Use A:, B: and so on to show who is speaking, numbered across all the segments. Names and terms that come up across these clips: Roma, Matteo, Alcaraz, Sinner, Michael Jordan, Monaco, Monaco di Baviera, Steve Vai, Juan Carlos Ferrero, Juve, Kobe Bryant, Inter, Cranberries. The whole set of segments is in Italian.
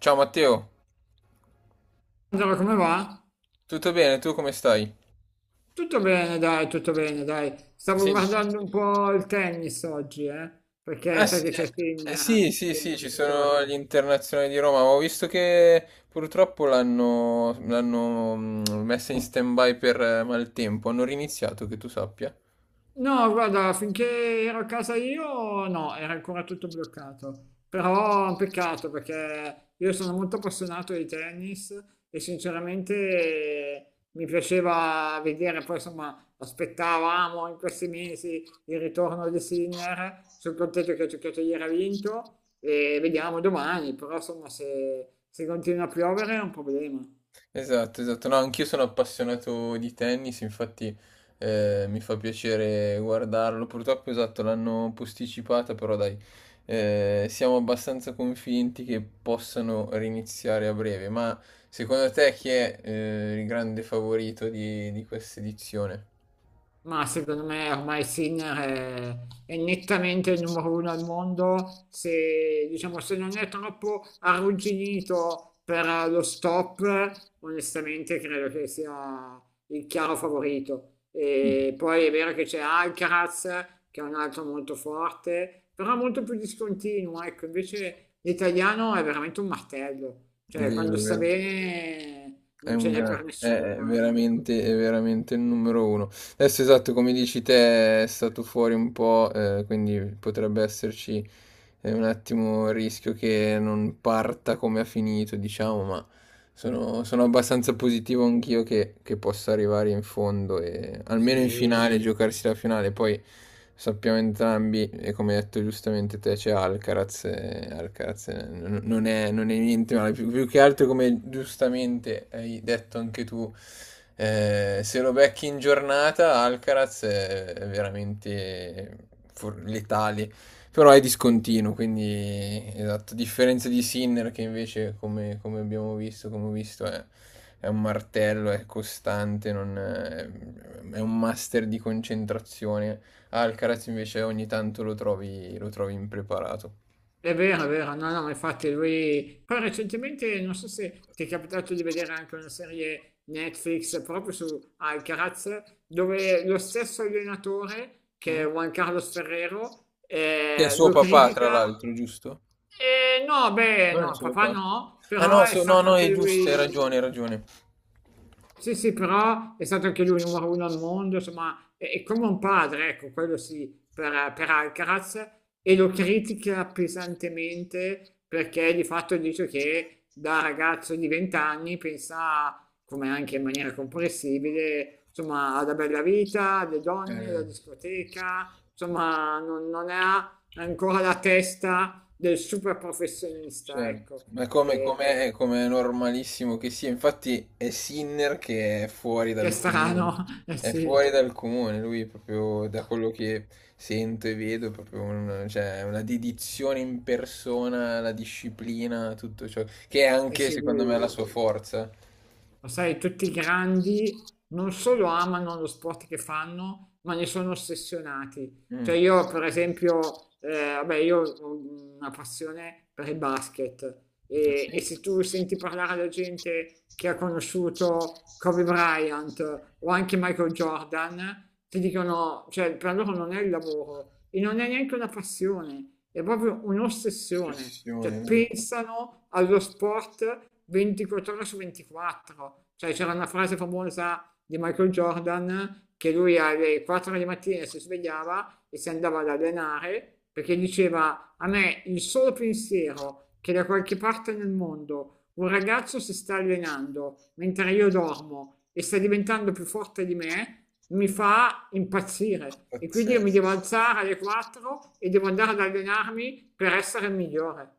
A: Ciao Matteo,
B: Angelo, come va?
A: tutto bene? Tu come stai?
B: Tutto bene, dai, tutto bene, dai. Stavo
A: Sì.
B: guardando un po' il tennis oggi, perché
A: Ah,
B: sai
A: sì,
B: che c'è Sinner
A: sì, sì, sì,
B: che
A: ci
B: che
A: sono gli
B: gioca.
A: internazionali di Roma. Ho visto che purtroppo l'hanno messa in stand-by per maltempo. Hanno riniziato, che tu sappia.
B: No, guarda, finché ero a casa io, no, era ancora tutto bloccato. Però è un peccato perché io sono molto appassionato di tennis e sinceramente mi piaceva vedere, poi insomma, aspettavamo in questi mesi il ritorno di Sinner. Sono contento che ha giocato ieri ha vinto e vediamo domani, però insomma, se continua a piovere è un problema.
A: Esatto, esatto. No, anch'io sono appassionato di tennis, infatti mi fa piacere guardarlo. Purtroppo, esatto, l'hanno posticipata, però dai, siamo abbastanza convinti che possano riniziare a breve. Ma secondo te chi è, il grande favorito di questa edizione?
B: Ma secondo me ormai Sinner è nettamente il numero uno al mondo, se, diciamo, se non è troppo arrugginito per lo stop, onestamente credo che sia il chiaro favorito. E poi è vero che c'è Alcaraz, che è un altro molto forte, però molto più discontinuo, ecco, invece l'italiano è veramente un martello,
A: È
B: cioè
A: vero,
B: quando
A: è
B: sta
A: vero.
B: bene non ce n'è per
A: È
B: nessuno, ecco.
A: veramente, è veramente il numero uno. Adesso, esatto, come dici te, è stato fuori un po', quindi potrebbe esserci è un attimo il rischio che non parta come ha finito, diciamo, ma sono abbastanza positivo anch'io che possa arrivare in fondo e almeno in
B: Sì,
A: finale, giocarsi la finale. Poi sappiamo entrambi, e come hai detto giustamente te, c'è Alcaraz, e Alcaraz, non è niente male, più che altro, come giustamente hai detto anche tu. Se lo becchi in giornata, Alcaraz è veramente, letali, però è discontinuo, quindi esatto, a differenza di Sinner che invece, come abbiamo visto, come ho visto, è un martello, è costante, non è, è un master di concentrazione. Alcaraz invece ogni tanto lo trovi impreparato.
B: è vero, è vero, no, no, infatti lui. Poi recentemente, non so se ti è capitato di vedere anche una serie Netflix proprio su Alcaraz, dove lo stesso allenatore, che
A: Mm?
B: è Juan Carlos Ferrero,
A: Che è suo
B: lo
A: papà, tra
B: critica.
A: l'altro, giusto?
B: No, beh,
A: Non
B: no,
A: è suo
B: papà
A: papà.
B: no,
A: Ah
B: però
A: no,
B: è
A: no,
B: stato
A: no,
B: anche
A: è giusto, hai
B: lui.
A: ragione, hai ragione.
B: Sì, sì, però è stato anche lui numero uno al mondo, insomma, è come un padre, ecco, quello sì, per Alcaraz, e lo critica pesantemente perché di fatto dice che da ragazzo di 20 anni pensa, come anche in maniera comprensibile, insomma, alla bella vita, alle donne,
A: Eh,
B: alla discoteca, insomma, non ha ancora la testa del super professionista,
A: Certo,
B: ecco.
A: ma
B: E-
A: come è normalissimo che sia, infatti è Sinner che è fuori
B: che è
A: dal comune,
B: strano, eh
A: è fuori
B: sì.
A: dal comune, lui è proprio, da quello che sento e vedo, è proprio cioè, è una dedizione in persona, la disciplina, tutto ciò, che è
B: Sì,
A: anche
B: sì,
A: secondo me la sua forza.
B: lo sai, tutti i grandi non solo amano lo sport che fanno, ma ne sono ossessionati. Cioè
A: Mm.
B: io, per esempio, vabbè, io ho una passione per il basket
A: Ah, sì?
B: e se tu senti parlare da gente che ha conosciuto Kobe Bryant o anche Michael Jordan, ti dicono, cioè per loro non è il lavoro e non è neanche una passione, è proprio un'ossessione, cioè
A: Ossessione, no?
B: pensano allo sport 24 ore su 24, cioè c'era una frase famosa di Michael Jordan che lui alle 4 di mattina si svegliava e si andava ad allenare perché diceva a me il solo pensiero che da qualche parte nel mondo un ragazzo si sta allenando mentre io dormo e sta diventando più forte di me, mi fa impazzire e quindi io mi devo
A: Pazzesco.
B: alzare alle 4 e devo andare ad allenarmi per essere il migliore.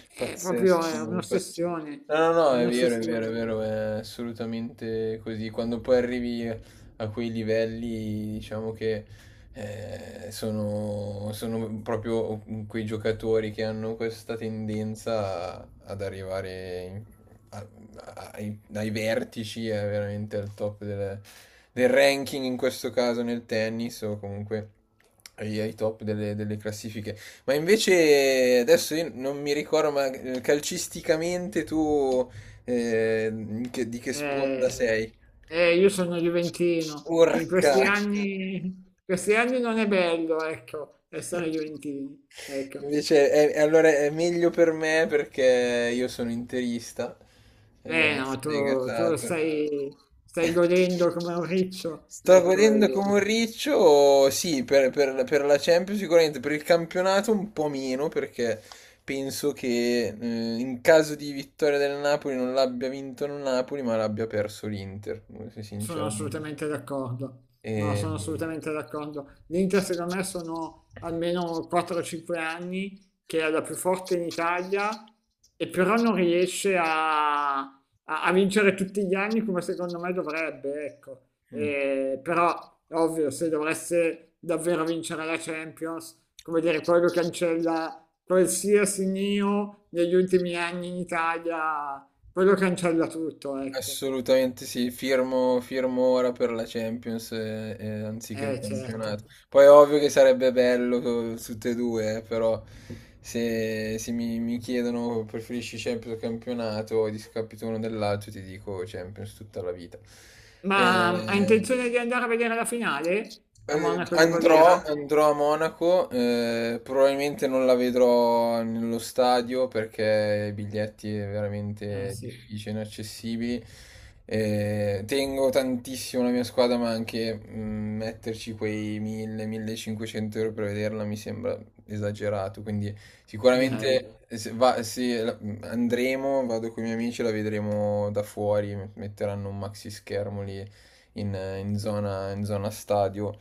B: È
A: Pazzesco,
B: un'ossessione,
A: no, no,
B: è
A: no, è vero, è vero, è
B: un'ossessione.
A: vero, è assolutamente così. Quando poi arrivi a quei livelli, diciamo che sono proprio quei giocatori che hanno questa tendenza ad arrivare a- ai vertici, veramente al top del ranking, in questo caso nel tennis, o comunque ai top delle classifiche. Ma invece adesso io non mi ricordo, ma, calcisticamente tu, di che sponda
B: Eh,
A: sei?
B: io sono juventino, in
A: Porca!
B: questi anni non è bello, ecco, essere juventini. Ecco.
A: Invece, allora è meglio per me perché io sono interista,
B: Eh no,
A: sfegatato.
B: stai godendo come un riccio,
A: Sto
B: ecco.
A: godendo
B: Eh.
A: come un riccio, sì, per la Champions sicuramente, per il campionato un po' meno perché penso che, in caso di vittoria del Napoli, non l'abbia vinto il Napoli, ma l'abbia perso l'Inter,
B: Sono
A: sinceramente.
B: assolutamente d'accordo.
A: E...
B: No, sono assolutamente d'accordo. L'Inter, secondo me, sono almeno 4-5 anni che è la più forte in Italia e però non riesce a vincere tutti gli anni come secondo me dovrebbe, ecco. E, però, ovvio, se dovesse davvero vincere la Champions, come dire, quello cancella qualsiasi neo negli ultimi anni in Italia, quello cancella tutto, ecco.
A: Assolutamente sì, firmo, firmo ora per la Champions, anziché il
B: Certo.
A: campionato. Poi è ovvio che sarebbe bello, tutte e due, però se, se mi, mi chiedono preferisci Champions o campionato o discapito uno dell'altro, ti dico Champions tutta la vita. Eh,
B: Ma ha intenzione di andare a vedere la finale a Monaco di
A: andrò,
B: Baviera?
A: andrò a Monaco, probabilmente non la vedrò nello stadio perché i biglietti è
B: Eh
A: veramente
B: sì,
A: difficile, inaccessibili. Tengo tantissimo la mia squadra, ma anche, mm, metterci quei 1000-1500 euro per vederla mi sembra esagerato. Quindi
B: direi.
A: sicuramente se va- se la- andremo, vado con i miei amici, la vedremo da fuori, metteranno un maxi schermo lì in in zona stadio,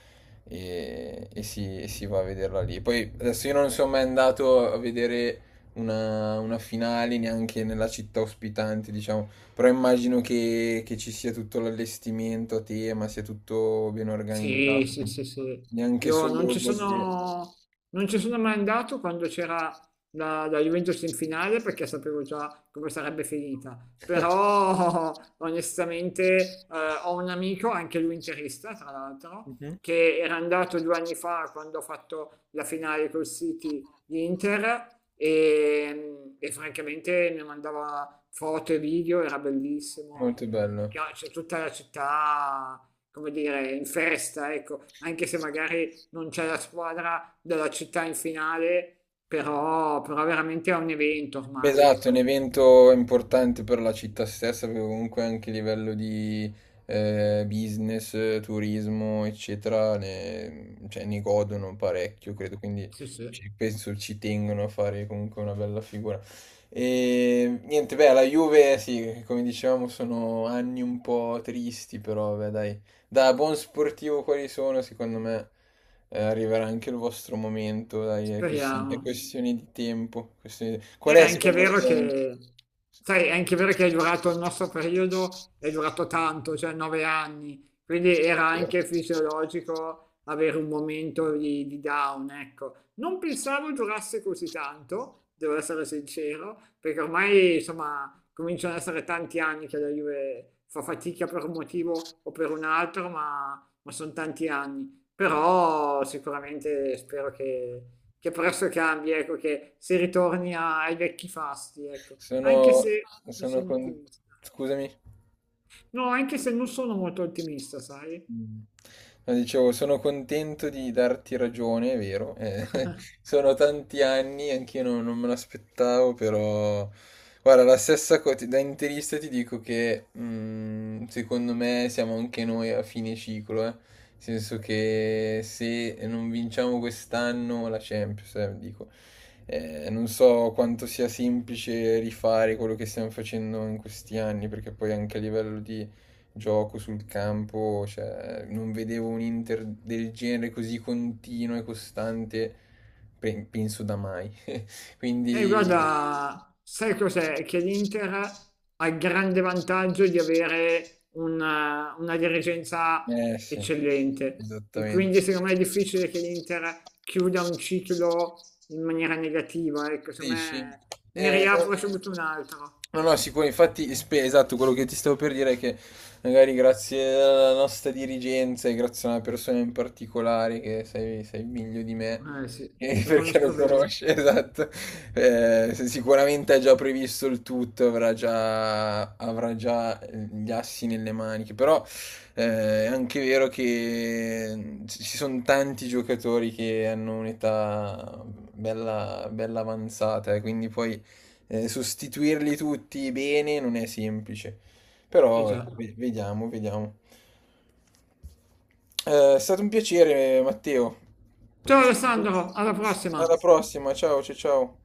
A: e si va a vederla lì. Poi adesso io non sono mai andato a vedere una finale neanche nella città ospitante, diciamo, però immagino che ci sia tutto l'allestimento a tema, sia tutto ben
B: Sì,
A: organizzato,
B: sì, sì, sì.
A: neanche
B: Io non
A: solo... voglio-
B: non ci sono mai andato quando c'era la Juventus in finale perché sapevo già come sarebbe finita. Però onestamente ho un amico, anche lui interista, tra l'altro,
A: Mhm.
B: che era andato due anni fa quando ho fatto la finale col City di Inter e francamente mi mandava foto e video, era bellissimo.
A: Molto
B: E,
A: bello.
B: cioè, c'è tutta la città come dire, in festa, ecco, anche se magari non c'è la squadra della città in finale, però, però veramente è un evento
A: Beh,
B: ormai,
A: esatto, è un
B: ecco.
A: evento importante per la città stessa, perché comunque anche a livello di, business, turismo, eccetera, ne, cioè, ne godono parecchio, credo, quindi
B: Sì, sì.
A: penso ci tengono a fare comunque una bella figura. E niente, beh, la Juve, sì, come dicevamo, sono anni un po' tristi, però, beh, dai, da buon sportivo quali sono, secondo me, arriverà anche il vostro momento, dai, è
B: Speriamo.
A: questione di tempo. Qual
B: È
A: è
B: anche
A: secondo
B: vero
A: te?
B: che, sai, è anche vero che è durato il nostro periodo, è durato tanto, cioè 9 anni, quindi era anche fisiologico avere un momento di down, ecco. Non pensavo durasse così tanto, devo essere sincero, perché ormai, insomma, cominciano ad essere tanti anni che la Juve fa fatica per un motivo o per un altro, ma sono tanti anni. Però sicuramente spero che presto cambi, ecco, che si ritorni ai vecchi fasti, ecco. Anche
A: Sono,
B: se non
A: sono
B: sono
A: con...
B: ottimista.
A: Scusami.
B: No, anche se non sono molto ottimista, sai?
A: Mh. No, dicevo, sono contento di darti ragione, è vero, sono tanti anni, anch'io non me l'aspettavo, però guarda, la stessa co ti da interista ti dico che, mhmm, secondo me siamo anche noi a fine ciclo, eh. Nel senso che se non vinciamo quest'anno la Champions, dico, non so quanto sia semplice rifare quello che stiamo facendo in questi anni, perché poi anche a livello di gioco sul campo, cioè, non vedevo un Inter del genere così continuo e costante, penso da mai.
B: E
A: Quindi,
B: guarda, sai cos'è? Che l'Inter ha il grande vantaggio di avere una dirigenza
A: eh sì,
B: eccellente e
A: esattamente.
B: quindi secondo me è difficile che l'Inter chiuda un ciclo in maniera negativa, ecco, secondo
A: Dici?
B: me ne
A: Eh,
B: riapre subito un altro.
A: no, no, no, sicuro, infatti, esatto, quello che ti stavo per dire è che magari grazie alla nostra dirigenza e grazie a una persona in particolare che sai, sai meglio di me,
B: Eh sì, lo
A: perché lo
B: conosco bene.
A: conosce, esatto, se sicuramente ha già previsto il tutto, avrà già gli assi nelle maniche, però, è anche vero che ci sono tanti giocatori che hanno un'età bella avanzata, quindi poi, sostituirli tutti bene non è semplice.
B: Eh
A: Però,
B: già.
A: vediamo, vediamo. È stato un piacere, Matteo. È
B: Ciao
A: stato-
B: Alessandro, alla prossima!
A: Alla prossima, ciao ciao ciao.